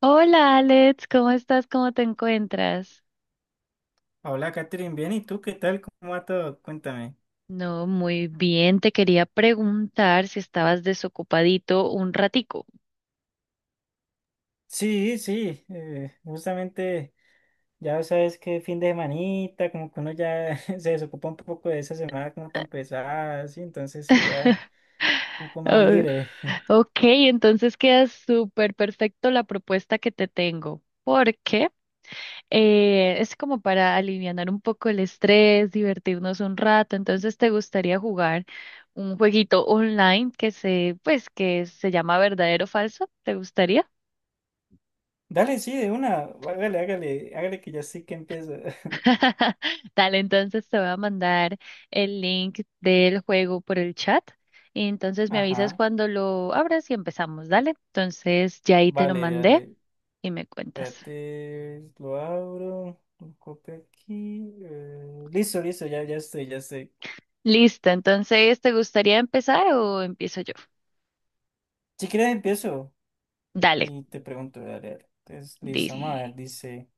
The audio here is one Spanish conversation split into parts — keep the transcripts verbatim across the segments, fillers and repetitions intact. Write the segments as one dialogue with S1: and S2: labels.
S1: Hola Alex, ¿cómo estás? ¿Cómo te encuentras?
S2: Hola, Catherine, bien, ¿y tú qué tal? ¿Cómo va todo? Cuéntame.
S1: No, muy bien. Te quería preguntar si estabas desocupadito un ratico.
S2: Sí, sí, eh, justamente ya sabes que fin de semanita, como que uno ya se desocupa un poco de esa semana como tan pesada, sí, entonces sí, ya un poco más
S1: Oh,
S2: libre.
S1: ok, entonces queda súper perfecto la propuesta que te tengo, porque eh, es como para alivianar un poco el estrés, divertirnos un rato. Entonces, ¿te gustaría jugar un jueguito online que se, pues, que se llama verdadero o falso? ¿Te gustaría?
S2: Dale, sí, de una, hágale, hágale, hágale que ya sí que empiezo.
S1: Dale, entonces te voy a mandar el link del juego por el chat y entonces me avisas
S2: Ajá,
S1: cuando lo abras y empezamos, dale. Entonces ya ahí te lo
S2: vale,
S1: mandé
S2: dale,
S1: y me cuentas.
S2: espérate, lo abro, lo copio aquí, eh, listo, listo, ya, ya estoy, ya estoy.
S1: Listo, entonces ¿te gustaría empezar o empiezo yo?
S2: Si quieres empiezo.
S1: Dale,
S2: Y te pregunto, voy a leer. Entonces, listo, vamos a
S1: listo.
S2: ver, dice.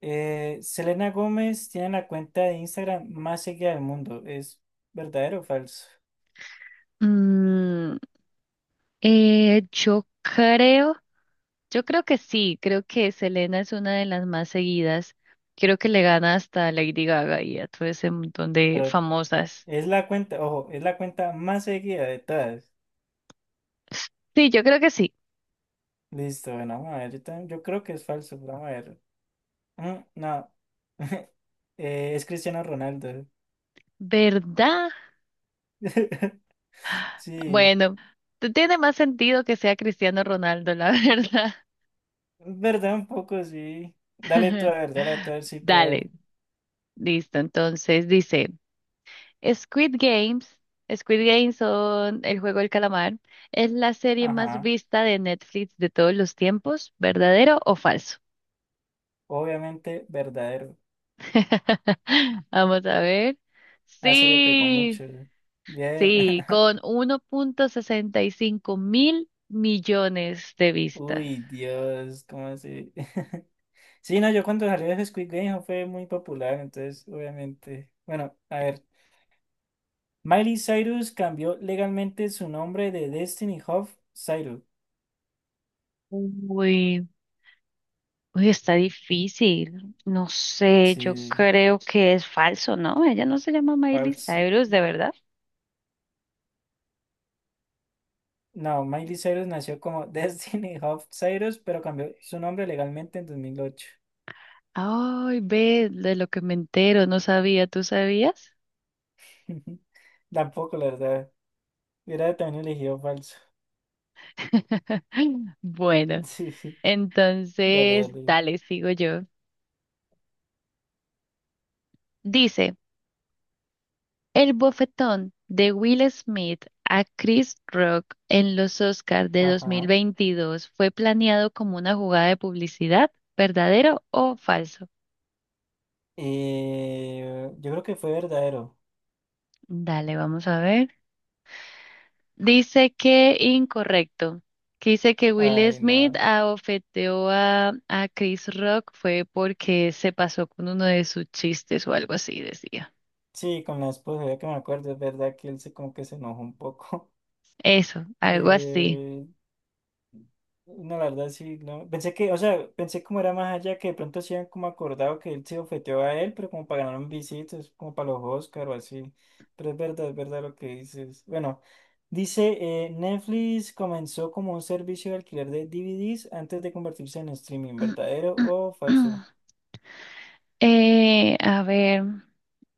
S2: eh, Selena Gómez tiene la cuenta de Instagram más seguida del mundo. ¿Es verdadero o falso?
S1: Mm, eh, yo creo, yo creo que sí, creo que Selena es una de las más seguidas. Creo que le gana hasta a Lady Gaga y a todo ese montón de
S2: Pero
S1: famosas.
S2: es la cuenta, ojo, es la cuenta más seguida de todas.
S1: Sí, yo creo que sí.
S2: Listo, bueno, vamos a ver. Yo, también- yo creo que es falso, pero vamos a ver. Mm, no. Eh, es Cristiano Ronaldo.
S1: ¿Verdad?
S2: Sí,
S1: Bueno, t- tiene más sentido que sea Cristiano Ronaldo, la verdad.
S2: verdad, un poco, sí. Dale tú a ver, dale tú a ver, sí, pero.
S1: Dale, listo. Entonces dice, Squid Games, Squid Games son el juego del calamar, es la serie más
S2: Ajá,
S1: vista de Netflix de todos los tiempos, ¿verdadero o falso?
S2: obviamente verdadero.
S1: Vamos a ver.
S2: Ah, se le pegó
S1: Sí,
S2: mucho. Bien.
S1: sí, con uno punto sesenta y cinco mil millones de vistas.
S2: Uy, Dios, ¿cómo así? Sí, no, yo cuando salió de Squid Game fue muy popular, entonces, obviamente. Bueno, a ver. Miley Cyrus cambió legalmente su nombre de Destiny Hoff Cyrus.
S1: Uy. Uy, está difícil. No sé, yo
S2: Sí,
S1: creo que es falso, ¿no? Ella no se llama Miley
S2: falso.
S1: Cyrus, ¿de verdad?
S2: No, Miley Cyrus nació como Destiny Hoff Cyrus, pero cambió su nombre legalmente en dos mil ocho.
S1: Ay, ve, de lo que me entero, no sabía, ¿tú sabías?
S2: Tampoco, la verdad. Hubiera también elegido falso.
S1: Bueno,
S2: Sí, dale,
S1: entonces,
S2: dale.
S1: dale, sigo yo. Dice, el bofetón de Will Smith a Chris Rock en los Oscars de
S2: Ajá.
S1: dos mil veintidós fue planeado como una jugada de publicidad, ¿verdadero o falso?
S2: Eh, yo creo que fue verdadero.
S1: Dale, vamos a ver. Dice que incorrecto. Que dice que Will
S2: Ay,
S1: Smith
S2: nada.
S1: abofeteó a, a Chris Rock fue porque se pasó con uno de sus chistes o algo así, decía.
S2: Sí, con la esposa, ya que me acuerdo, es verdad que él se como que se enojó un poco.
S1: Eso, algo así.
S2: Eh, no, la verdad sí, no. Pensé que, o sea, pensé como era más allá que de pronto se habían como acordado que él se ofeteó a él, pero como para ganar un visitas, como para los Oscar o así. Pero es verdad, es verdad lo que dices. Bueno, dice, eh, Netflix comenzó como un servicio de alquiler de D V Ds antes de convertirse en streaming, ¿verdadero o falso?
S1: Eh, a ver,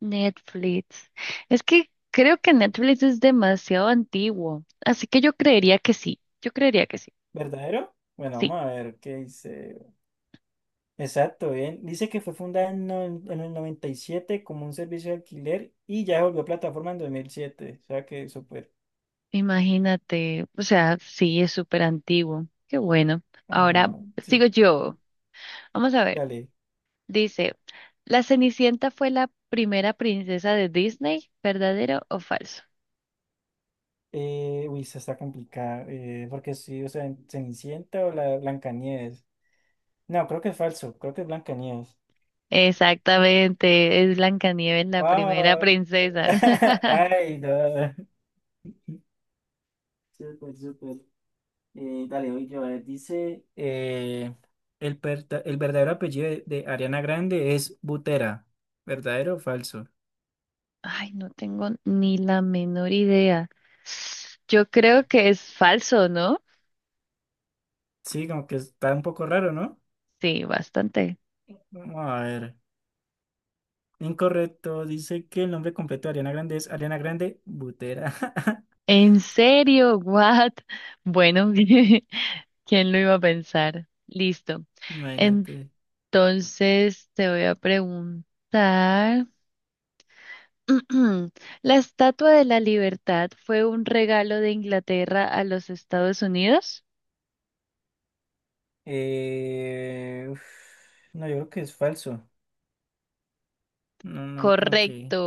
S1: Netflix. Es que creo que Netflix es demasiado antiguo, así que yo creería que sí, yo creería que sí,
S2: ¿Verdadero? Bueno,
S1: sí,
S2: vamos a ver qué dice. Exacto, bien. Dice que fue fundada en, no- en el noventa y siete como un servicio de alquiler y ya se volvió plataforma en dos mil siete. O sea que súper.
S1: imagínate, o sea, sí, es súper antiguo, qué bueno.
S2: Ajá,
S1: Ahora
S2: sí,
S1: sigo yo. Vamos a ver.
S2: dale.
S1: Dice, ¿La Cenicienta fue la primera princesa de Disney? ¿Verdadero o falso?
S2: Eh, uy, esa está complicada. eh, porque sí, o sea, en Cenicienta o la Blancanieves. No, creo que es falso. Creo que es Blancanieves.
S1: Exactamente, es Blancanieves la primera
S2: ¡Wow!
S1: princesa.
S2: Ay, no. Súper, súper. Eh, dale, hoy yo, a ver, dice, eh, el, perta- el verdadero apellido de, de Ariana Grande es Butera. ¿Verdadero o falso?
S1: Ay, no tengo ni la menor idea. Yo creo que es falso, ¿no?
S2: Sí, como que está un poco raro, ¿no?
S1: Sí, bastante.
S2: Vamos a ver. Incorrecto, dice que el nombre completo de Ariana Grande es Ariana Grande Butera.
S1: ¿En serio? ¿What? Bueno, ¿quién lo iba a pensar? Listo.
S2: Imagínate.
S1: Entonces te voy a preguntar. ¿La Estatua de la Libertad fue un regalo de Inglaterra a los Estados Unidos?
S2: Eh, uf, no, yo creo que es falso. No, no, como que,
S1: Correcto.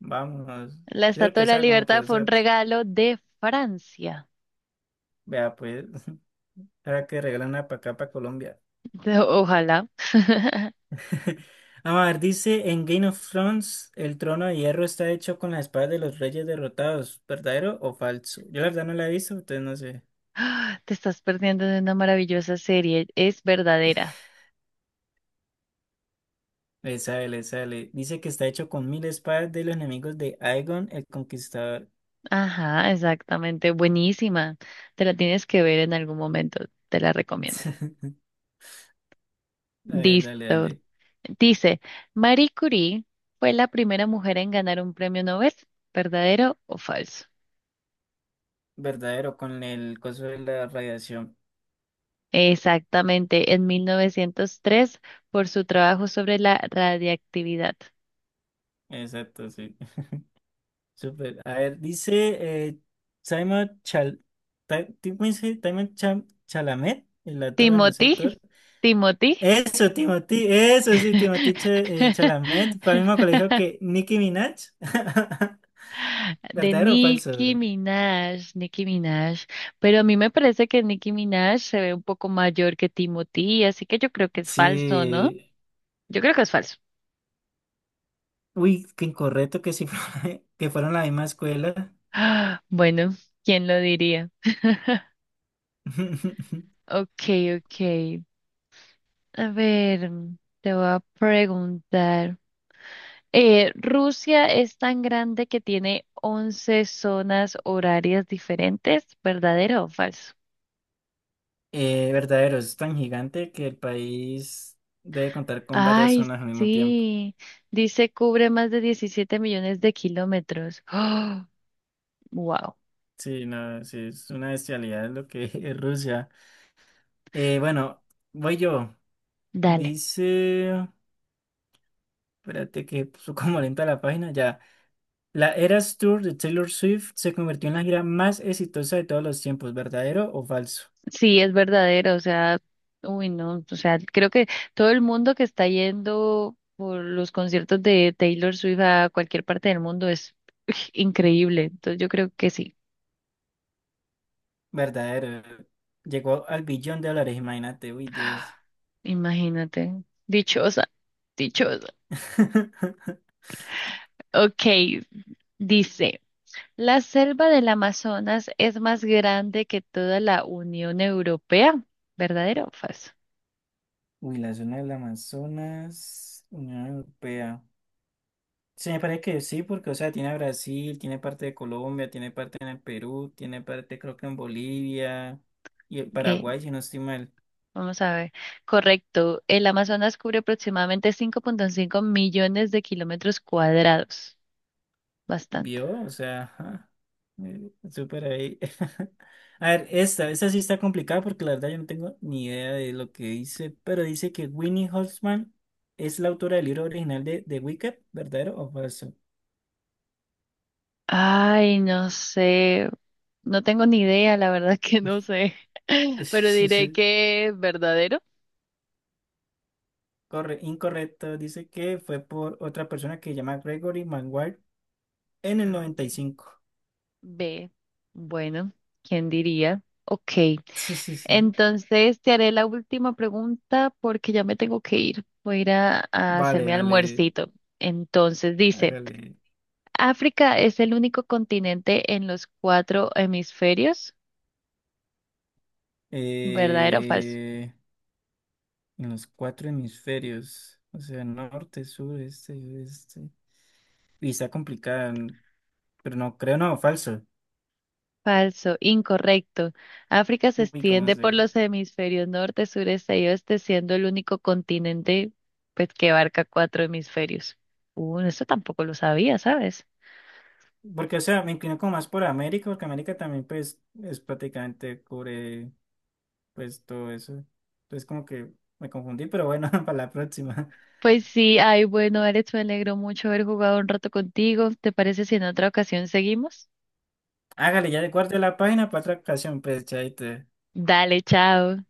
S2: vámonos.
S1: La
S2: Yo creo
S1: Estatua
S2: que
S1: de
S2: o
S1: la
S2: sea, como que,
S1: Libertad
S2: o
S1: fue un
S2: sea,
S1: regalo de Francia.
S2: vea, pues, ahora que regalan una para acá, para Colombia.
S1: De- Ojalá.
S2: Vamos a ver, dice en Game of Thrones, el trono de hierro está hecho con las espadas de los reyes derrotados, ¿verdadero o falso? Yo la verdad no la he visto, entonces no sé.
S1: Te estás perdiendo de una maravillosa serie. Es verdadera.
S2: Le sale, le sale. Dice que está hecho con mil espadas de los enemigos de Aegon el Conquistador.
S1: Ajá, exactamente. Buenísima. Te la tienes que ver en algún momento. Te la recomiendo.
S2: A ver, dale,
S1: Listo.
S2: dale.
S1: Dice, Marie Curie fue la primera mujer en ganar un premio Nobel, ¿verdadero o falso?
S2: Verdadero con el coso de la radiación.
S1: Exactamente, en mil novecientos tres por su trabajo sobre la radiactividad.
S2: Exacto, sí. Súper. A ver, dice eh, Simon Chal Ta- ¿cómo dice? Timon Cham- Chalamet, el actor, bueno, ese
S1: Timothy,
S2: actor.
S1: Timothy,
S2: Eso, Timothy, eso sí, Timothy Ch- eh, Chalamet, para el mismo colegio que Nicki Minaj.
S1: de
S2: ¿Verdadero o falso?
S1: Nicki Minaj, Nicki Minaj. Pero a mí me parece que Nicki Minaj se ve un poco mayor que Timothy, así que yo creo que es falso, ¿no?
S2: Sí.
S1: Yo creo que es falso.
S2: Uy, qué incorrecto que sí fue- que fueron la misma escuela.
S1: Ah, bueno, ¿quién lo diría? Ok, ok. A ver, mm, te voy a preguntar. Eh, Rusia es tan grande que tiene once zonas horarias diferentes, ¿verdadero o falso?
S2: Eh, verdadero, es tan gigante que el país debe contar con varias
S1: Ay,
S2: zonas al mismo tiempo.
S1: sí. Dice cubre más de diecisiete millones de kilómetros. Wow.
S2: Sí, no, sí, es una bestialidad lo que es Rusia. Eh, bueno, voy yo.
S1: Dale.
S2: Dice, espérate que puso como lenta la página, ya. La Eras Tour de Taylor Swift se convirtió en la gira más exitosa de todos los tiempos, ¿verdadero o falso?
S1: Sí, es verdadero, o sea, uy, no, o sea, creo que todo el mundo que está yendo por los conciertos de Taylor Swift a cualquier parte del mundo es increíble, entonces yo creo que sí,
S2: Verdadero. Llegó al billón de dólares, imagínate, uy, Dios.
S1: imagínate, dichosa, dichosa. Ok, dice, ¿la selva del Amazonas es más grande que toda la Unión Europea? ¿Verdadero o falso?
S2: Uy, la zona del Amazonas, Unión Europea. Se me parece que sí, porque, o sea, tiene a Brasil, tiene parte de Colombia, tiene parte en el Perú, tiene parte creo que en Bolivia y en
S1: Ok,
S2: Paraguay, si no estoy mal.
S1: vamos a ver. Correcto. El Amazonas cubre aproximadamente cinco punto cinco millones de kilómetros cuadrados. Bastante.
S2: Vio, o sea, ajá, eh, súper ahí. A ver, esta, esta sí está complicada porque la verdad yo no tengo ni idea de lo que dice, pero dice que Winnie Holzman es la autora del libro original de The Wicked, ¿verdadero o falso?
S1: Ay, no sé. No tengo ni idea, la verdad que no sé. Pero diré que verdadero.
S2: Corre, incorrecto, dice que fue por otra persona que se llama Gregory Maguire en el noventa y cinco.
S1: B. Bueno, ¿quién diría? Ok. Entonces te haré la última pregunta porque ya me tengo que ir. Voy a ir a, a hacer
S2: Vale,
S1: mi
S2: vale,
S1: almuercito. Entonces dice.
S2: hágale.
S1: África es el único continente en los cuatro hemisferios. ¿Verdadero o falso?
S2: Eh, en los cuatro hemisferios, o sea, norte, sur, este y oeste. Y está complicada, n- pero no, creo no, falso.
S1: Falso, incorrecto. África se
S2: Uy, como
S1: extiende por
S2: se.
S1: los hemisferios norte, sureste y oeste, siendo el único continente pues, que abarca cuatro hemisferios. Uh, eso tampoco lo sabía, ¿sabes?
S2: Porque, o sea, me inclino como más por América, porque América también, pues, es prácticamente cubre, pues, todo eso. Entonces, como que me confundí, pero bueno, para la próxima.
S1: Pues sí, ay, bueno, Alex, me alegro mucho haber jugado un rato contigo. ¿Te parece si en otra ocasión seguimos?
S2: Hágale, ya recuerde la página para otra ocasión, pues, chaito.
S1: Dale, chao.